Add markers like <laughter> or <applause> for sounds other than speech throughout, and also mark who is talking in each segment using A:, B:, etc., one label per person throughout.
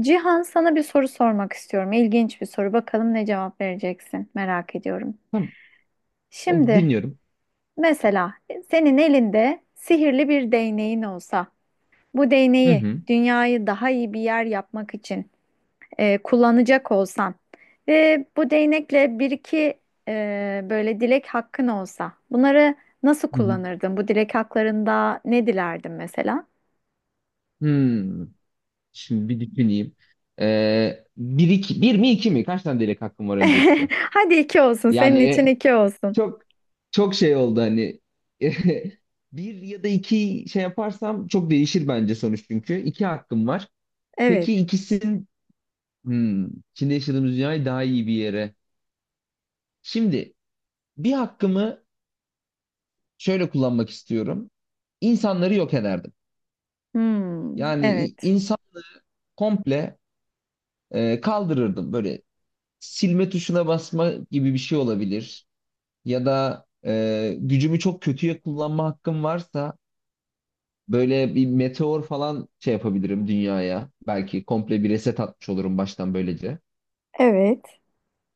A: Cihan sana bir soru sormak istiyorum. İlginç bir soru. Bakalım ne cevap vereceksin. Merak ediyorum.
B: Tamam. Oldu,
A: Şimdi
B: dinliyorum.
A: mesela senin elinde sihirli bir değneğin olsa, bu
B: Hı
A: değneği
B: hı.
A: dünyayı daha iyi bir yer yapmak için kullanacak olsan ve bu değnekle bir iki böyle dilek hakkın olsa, bunları nasıl
B: Hı hı.
A: kullanırdın? Bu dilek haklarında ne dilerdin mesela?
B: Hmm. Şimdi bir düşüneyim. Bir, iki, bir mi iki mi? Kaç tane dilek hakkım var öncelikle?
A: <laughs> Hadi iki olsun. Senin için
B: Yani
A: iki olsun.
B: çok şey oldu hani, <laughs> bir ya da iki şey yaparsam çok değişir bence sonuç çünkü. İki hakkım var. Peki
A: Evet.
B: ikisinin, hmm, içinde yaşadığımız dünyayı daha iyi bir yere. Şimdi bir hakkımı şöyle kullanmak istiyorum. İnsanları yok ederdim.
A: Hmm,
B: Yani
A: evet.
B: insan komple kaldırırdım. Böyle silme tuşuna basma gibi bir şey olabilir. Ya da gücümü çok kötüye kullanma hakkım varsa böyle bir meteor falan şey yapabilirim dünyaya. Belki komple bir reset atmış olurum baştan böylece.
A: Evet.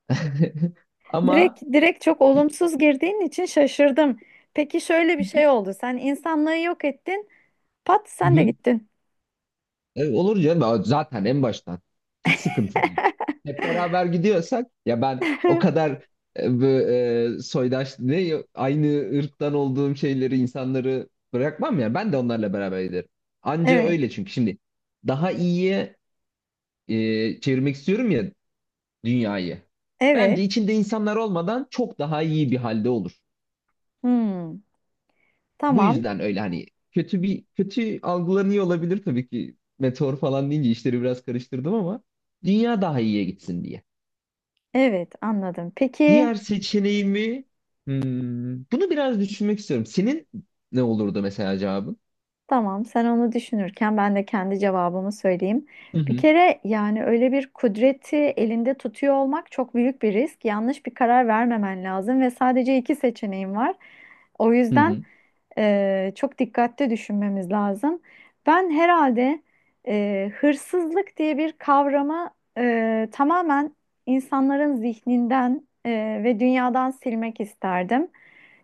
B: <laughs>
A: Direkt
B: Ama
A: direkt çok olumsuz girdiğin için şaşırdım. Peki şöyle bir şey oldu. Sen insanlığı yok ettin. Pat
B: hı
A: sen de
B: hı.
A: gittin.
B: E, olur canım. Ama zaten en baştan hiç sıkıntı değil. Hep beraber gidiyorsak, ya ben o
A: <laughs>
B: kadar soydaş ne aynı ırktan olduğum şeyleri, insanları bırakmam, ya ben de onlarla beraber giderim. Anca
A: Evet.
B: öyle, çünkü şimdi daha iyiye çevirmek istiyorum ya dünyayı.
A: Evet.
B: Bence içinde insanlar olmadan çok daha iyi bir halde olur.
A: Hmm,
B: Bu
A: tamam.
B: yüzden öyle hani, kötü bir kötü algılanıyor olabilir tabii ki meteor falan deyince, işleri biraz karıştırdım ama dünya daha iyiye gitsin diye.
A: Evet, anladım. Peki
B: Diğer seçeneğimi, bunu biraz düşünmek istiyorum. Senin ne olurdu mesela cevabın?
A: tamam sen onu düşünürken ben de kendi cevabımı söyleyeyim.
B: Hı
A: Bir
B: hı,
A: kere yani öyle bir kudreti elinde tutuyor olmak çok büyük bir risk. Yanlış bir karar vermemen lazım ve sadece iki seçeneğin var. O
B: hı
A: yüzden
B: hı.
A: Çok dikkatli düşünmemiz lazım. Ben herhalde hırsızlık diye bir kavramı tamamen insanların zihninden ve dünyadan silmek isterdim.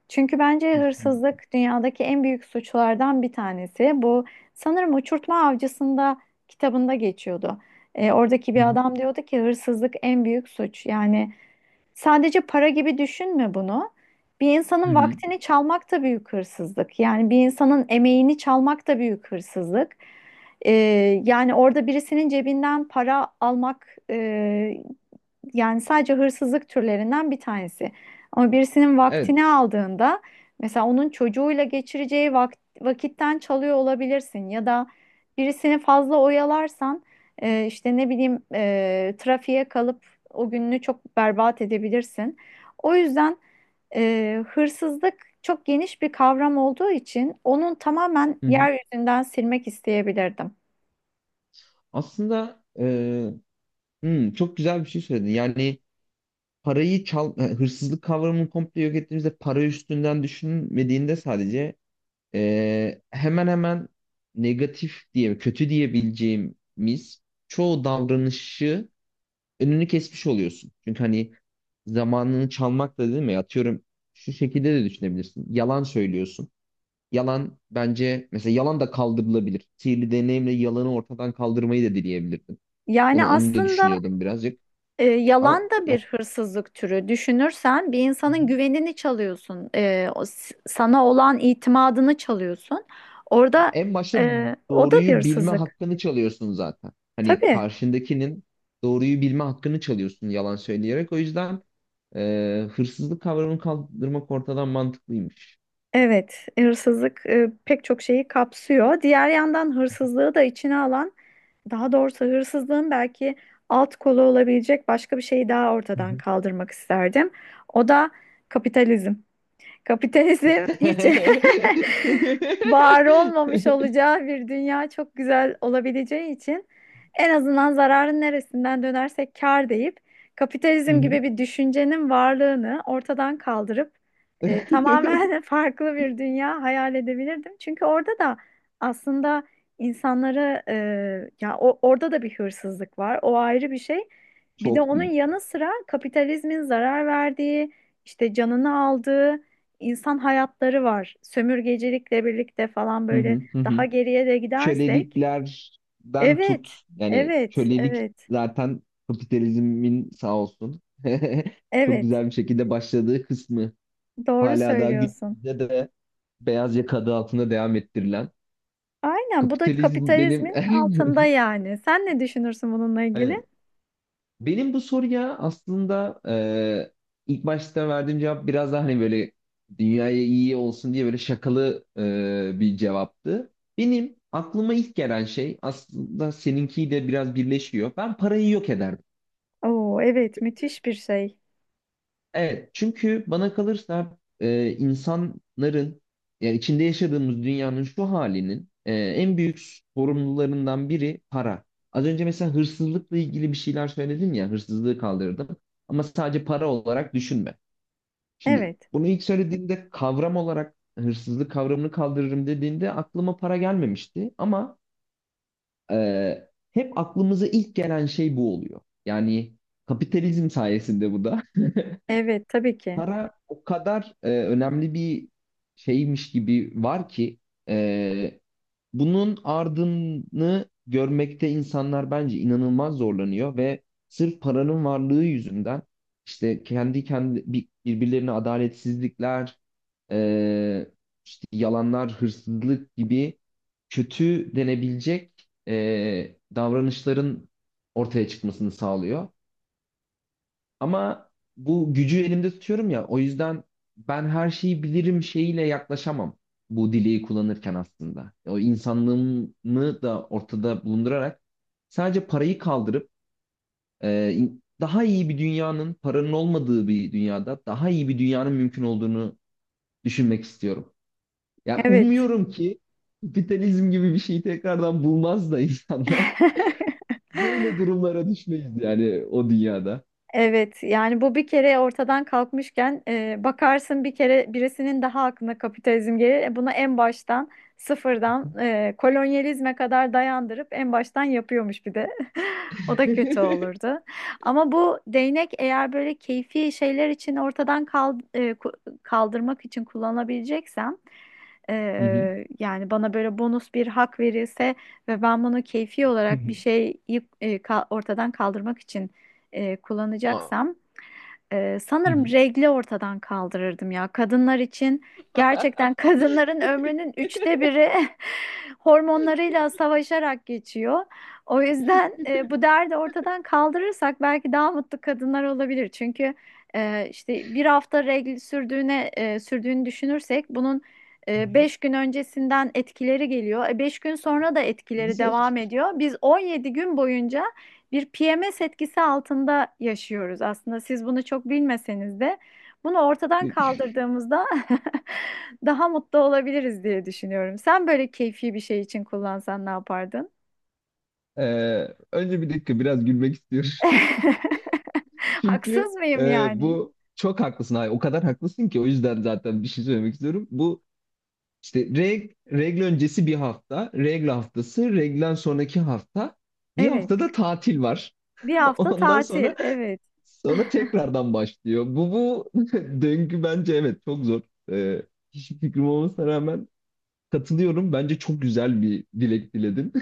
A: Çünkü bence
B: Hı
A: hırsızlık dünyadaki en büyük suçlardan bir tanesi. Bu sanırım Uçurtma Avcısı'nda kitabında geçiyordu. Oradaki bir
B: hı.
A: adam diyordu ki hırsızlık en büyük suç. Yani sadece para gibi düşünme bunu. Bir
B: Hı
A: insanın
B: hı.
A: vaktini çalmak da büyük hırsızlık. Yani bir insanın emeğini çalmak da büyük hırsızlık. Ee, yani orada birisinin cebinden para almak, yani sadece hırsızlık türlerinden bir tanesi. Ama birisinin
B: Evet.
A: vaktini aldığında mesela onun çocuğuyla geçireceği vakitten çalıyor olabilirsin ya da birisini fazla oyalarsan, işte ne bileyim, trafiğe kalıp o gününü çok berbat edebilirsin. O yüzden hırsızlık çok geniş bir kavram olduğu için onun tamamen
B: Hı hı.
A: yeryüzünden silmek isteyebilirdim.
B: Aslında çok güzel bir şey söyledin. Yani parayı çal, hırsızlık kavramını komple yok ettiğimizde, para üstünden düşünmediğinde sadece, hemen hemen negatif diye, kötü diyebileceğimiz çoğu davranışı önünü kesmiş oluyorsun. Çünkü hani, zamanını çalmak da değil mi? Atıyorum, şu şekilde de düşünebilirsin. Yalan söylüyorsun. Yalan bence, mesela yalan da kaldırılabilir. Sihirli deneyimle yalanı ortadan kaldırmayı da dileyebilirdin. Onu
A: Yani
B: onu da
A: aslında
B: düşünüyordum birazcık.
A: Yalan
B: Ama
A: da bir
B: ya,
A: hırsızlık türü. Düşünürsen bir insanın güvenini çalıyorsun. E, sana olan itimadını çalıyorsun. Orada
B: en başta
A: o da bir
B: doğruyu bilme
A: hırsızlık.
B: hakkını çalıyorsun zaten. Hani
A: Tabii.
B: karşındakinin doğruyu bilme hakkını çalıyorsun yalan söyleyerek. O yüzden hırsızlık kavramını kaldırmak ortadan mantıklıymış.
A: Evet, hırsızlık, pek çok şeyi kapsıyor. Diğer yandan hırsızlığı da içine alan, daha doğrusu hırsızlığın belki alt kolu olabilecek başka bir şeyi daha
B: Hı
A: ortadan
B: hı.
A: kaldırmak isterdim. O da kapitalizm. Kapitalizm hiç
B: <laughs>
A: <laughs> var olmamış olacağı bir dünya çok güzel olabileceği için en azından zararın neresinden dönersek kâr deyip
B: Hı
A: kapitalizm
B: hı.
A: gibi bir düşüncenin varlığını ortadan kaldırıp tamamen <laughs>
B: <laughs>
A: farklı bir dünya hayal edebilirdim. Çünkü orada da aslında insanları, orada da bir hırsızlık var. O ayrı bir şey. Bir de
B: Çok
A: onun
B: büyük.
A: yanı sıra kapitalizmin zarar verdiği, işte canını aldığı insan hayatları var. Sömürgecilikle birlikte falan
B: Hı
A: böyle
B: hı, hı hı.
A: daha geriye de gidersek.
B: Köleliklerden
A: Evet,
B: tut. Yani
A: evet,
B: kölelik
A: evet,
B: zaten kapitalizmin sağ olsun. <laughs> Çok
A: evet.
B: güzel bir şekilde başladığı kısmı.
A: Doğru
B: Hala daha
A: söylüyorsun.
B: günümüzde de beyaz yaka adı altında devam ettirilen.
A: Aynen bu da
B: Kapitalizm benim.
A: kapitalizmin altında
B: <laughs>
A: yani. Sen ne düşünürsün bununla ilgili?
B: Aynen. Benim bu soruya aslında ilk başta verdiğim cevap biraz daha hani böyle dünyaya iyi olsun diye böyle şakalı bir cevaptı. Benim aklıma ilk gelen şey, aslında seninki de biraz birleşiyor. Ben parayı yok ederdim.
A: Oo evet, müthiş bir şey.
B: Evet, çünkü bana kalırsa insanların, yani içinde yaşadığımız dünyanın şu halinin en büyük sorumlularından biri para. Az önce mesela hırsızlıkla ilgili bir şeyler söyledin ya, hırsızlığı kaldırdım. Ama sadece para olarak düşünme. Şimdi
A: Evet,
B: bunu ilk söylediğimde, kavram olarak hırsızlık kavramını kaldırırım dediğinde aklıma para gelmemişti. Ama hep aklımıza ilk gelen şey bu oluyor. Yani kapitalizm sayesinde bu da. <laughs>
A: evet tabii ki.
B: Para o kadar önemli bir şeymiş gibi var ki, e, bunun ardını görmekte insanlar bence inanılmaz zorlanıyor ve sırf paranın varlığı yüzünden, işte kendi birbirlerine adaletsizlikler, e, işte yalanlar, hırsızlık gibi kötü denebilecek davranışların ortaya çıkmasını sağlıyor. Ama bu gücü elimde tutuyorum ya, o yüzden ben her şeyi bilirim şeyiyle yaklaşamam bu dileği kullanırken aslında. O insanlığımı da ortada bulundurarak, sadece parayı kaldırıp daha iyi bir dünyanın, paranın olmadığı bir dünyada daha iyi bir dünyanın mümkün olduğunu düşünmek istiyorum. Ya
A: Evet.
B: umuyorum ki kapitalizm gibi bir şeyi tekrardan bulmaz da insanlar,
A: <laughs>
B: <laughs> böyle durumlara düşmeyiz yani o dünyada.
A: Evet yani bu bir kere ortadan kalkmışken bakarsın bir kere birisinin daha aklına kapitalizm gelir. E, bunu en baştan sıfırdan, kolonyalizme kadar dayandırıp en baştan yapıyormuş bir de. <laughs> O
B: <laughs>
A: da kötü olurdu. Ama bu değnek eğer böyle keyfi şeyler için ortadan kaldırmak için kullanabileceksem, e,
B: Hı hı.
A: yani bana böyle bonus bir hak verilse ve ben bunu keyfi
B: Hı
A: olarak bir
B: hı.
A: şeyi ortadan kaldırmak için
B: Aa.
A: kullanacaksam,
B: Hı
A: sanırım
B: hı.
A: regli ortadan kaldırırdım ya. Kadınlar için gerçekten <laughs> kadınların ömrünün üçte biri <laughs> hormonlarıyla savaşarak geçiyor. O yüzden bu derdi ortadan kaldırırsak belki daha mutlu kadınlar olabilir. Çünkü işte bir hafta regl sürdüğünü düşünürsek bunun,
B: Hı hı.
A: Beş gün öncesinden etkileri geliyor. E, beş gün sonra da etkileri
B: Nasıl?
A: devam ediyor. Biz 17 gün boyunca bir PMS etkisi altında yaşıyoruz aslında. Siz bunu çok bilmeseniz de bunu ortadan kaldırdığımızda <laughs> daha mutlu olabiliriz diye düşünüyorum. Sen böyle keyfi bir şey için kullansan ne yapardın?
B: Önce bir dakika biraz gülmek istiyorum. <laughs>
A: <laughs>
B: Çünkü
A: Haksız mıyım yani?
B: bu, çok haklısın. Hayır, o kadar haklısın ki, o yüzden zaten bir şey söylemek istiyorum. Bu işte regl öncesi bir hafta, regl haftası, reglen sonraki hafta. Bir
A: Evet.
B: haftada tatil var.
A: Bir
B: <laughs>
A: hafta
B: Ondan
A: tatil.
B: sonra
A: Evet.
B: tekrardan başlıyor. Bu <laughs> döngü bence evet çok zor. Eee hiçbir fikrim olmasına rağmen katılıyorum. Bence çok güzel bir dilek diledin.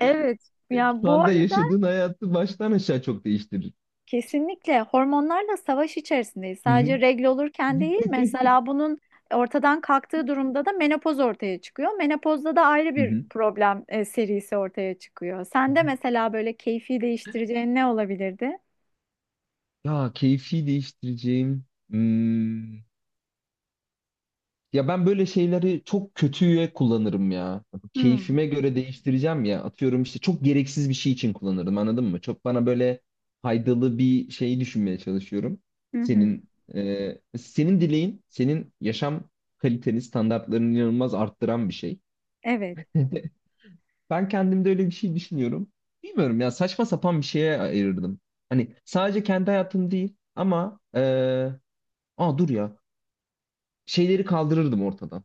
A: Evet.
B: <laughs>
A: Ya
B: Şu
A: bu
B: anda
A: arada
B: yaşadığın hayatı baştan aşağı çok değiştirir.
A: kesinlikle hormonlarla savaş içerisindeyiz.
B: Hı hı.
A: Sadece regl olurken değil, mesela bunun ortadan kalktığı durumda da menopoz ortaya çıkıyor. Menopozda da ayrı
B: Hı
A: bir
B: hı.
A: problem serisi ortaya çıkıyor. Sende mesela böyle keyfi değiştireceğin ne olabilirdi?
B: Ya keyfi değiştireceğim. Hmm. Ya ben böyle şeyleri çok kötüye kullanırım ya.
A: Hmm.
B: Keyfime göre değiştireceğim ya. Atıyorum işte çok gereksiz bir şey için kullanırım, anladın mı? Çok bana böyle faydalı bir şey düşünmeye çalışıyorum.
A: Hı hı.
B: Senin senin dileğin, senin yaşam kaliteni, standartlarını inanılmaz arttıran bir şey.
A: Evet.
B: <laughs> Ben kendimde öyle bir şey düşünüyorum. Bilmiyorum ya, saçma sapan bir şeye ayırırdım. Hani sadece kendi hayatım değil ama aa dur ya, şeyleri kaldırırdım ortadan.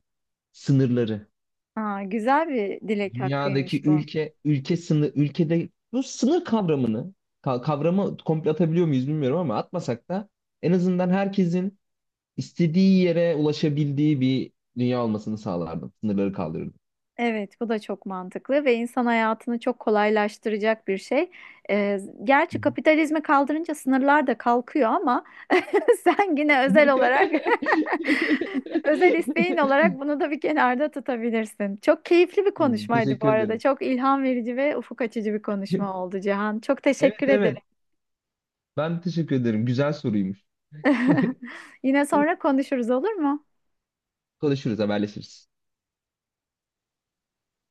B: Sınırları.
A: Aa, güzel bir dilek
B: Dünyadaki
A: hakkıymış bu.
B: ülke ülke sınır, ülkede bu sınır kavramını kavramı komple atabiliyor muyuz bilmiyorum ama atmasak da en azından herkesin istediği yere ulaşabildiği bir dünya olmasını sağlardım. Sınırları kaldırırdım.
A: Evet, bu da çok mantıklı ve insan hayatını çok kolaylaştıracak bir şey. Ee,
B: Hı
A: gerçi
B: hı.
A: kapitalizmi kaldırınca sınırlar da kalkıyor ama <laughs> sen yine özel olarak <laughs> özel isteğin olarak
B: <laughs>
A: bunu da bir kenarda tutabilirsin. Çok keyifli bir
B: Evet,
A: konuşmaydı bu
B: teşekkür
A: arada.
B: ederim.
A: Çok ilham verici ve ufuk açıcı bir konuşma
B: <laughs>
A: oldu Cihan. Çok
B: Evet,
A: teşekkür ederim.
B: evet. Ben teşekkür ederim. Güzel soruymuş.
A: <laughs> Yine sonra
B: <laughs>
A: konuşuruz olur mu?
B: Konuşuruz, haberleşiriz.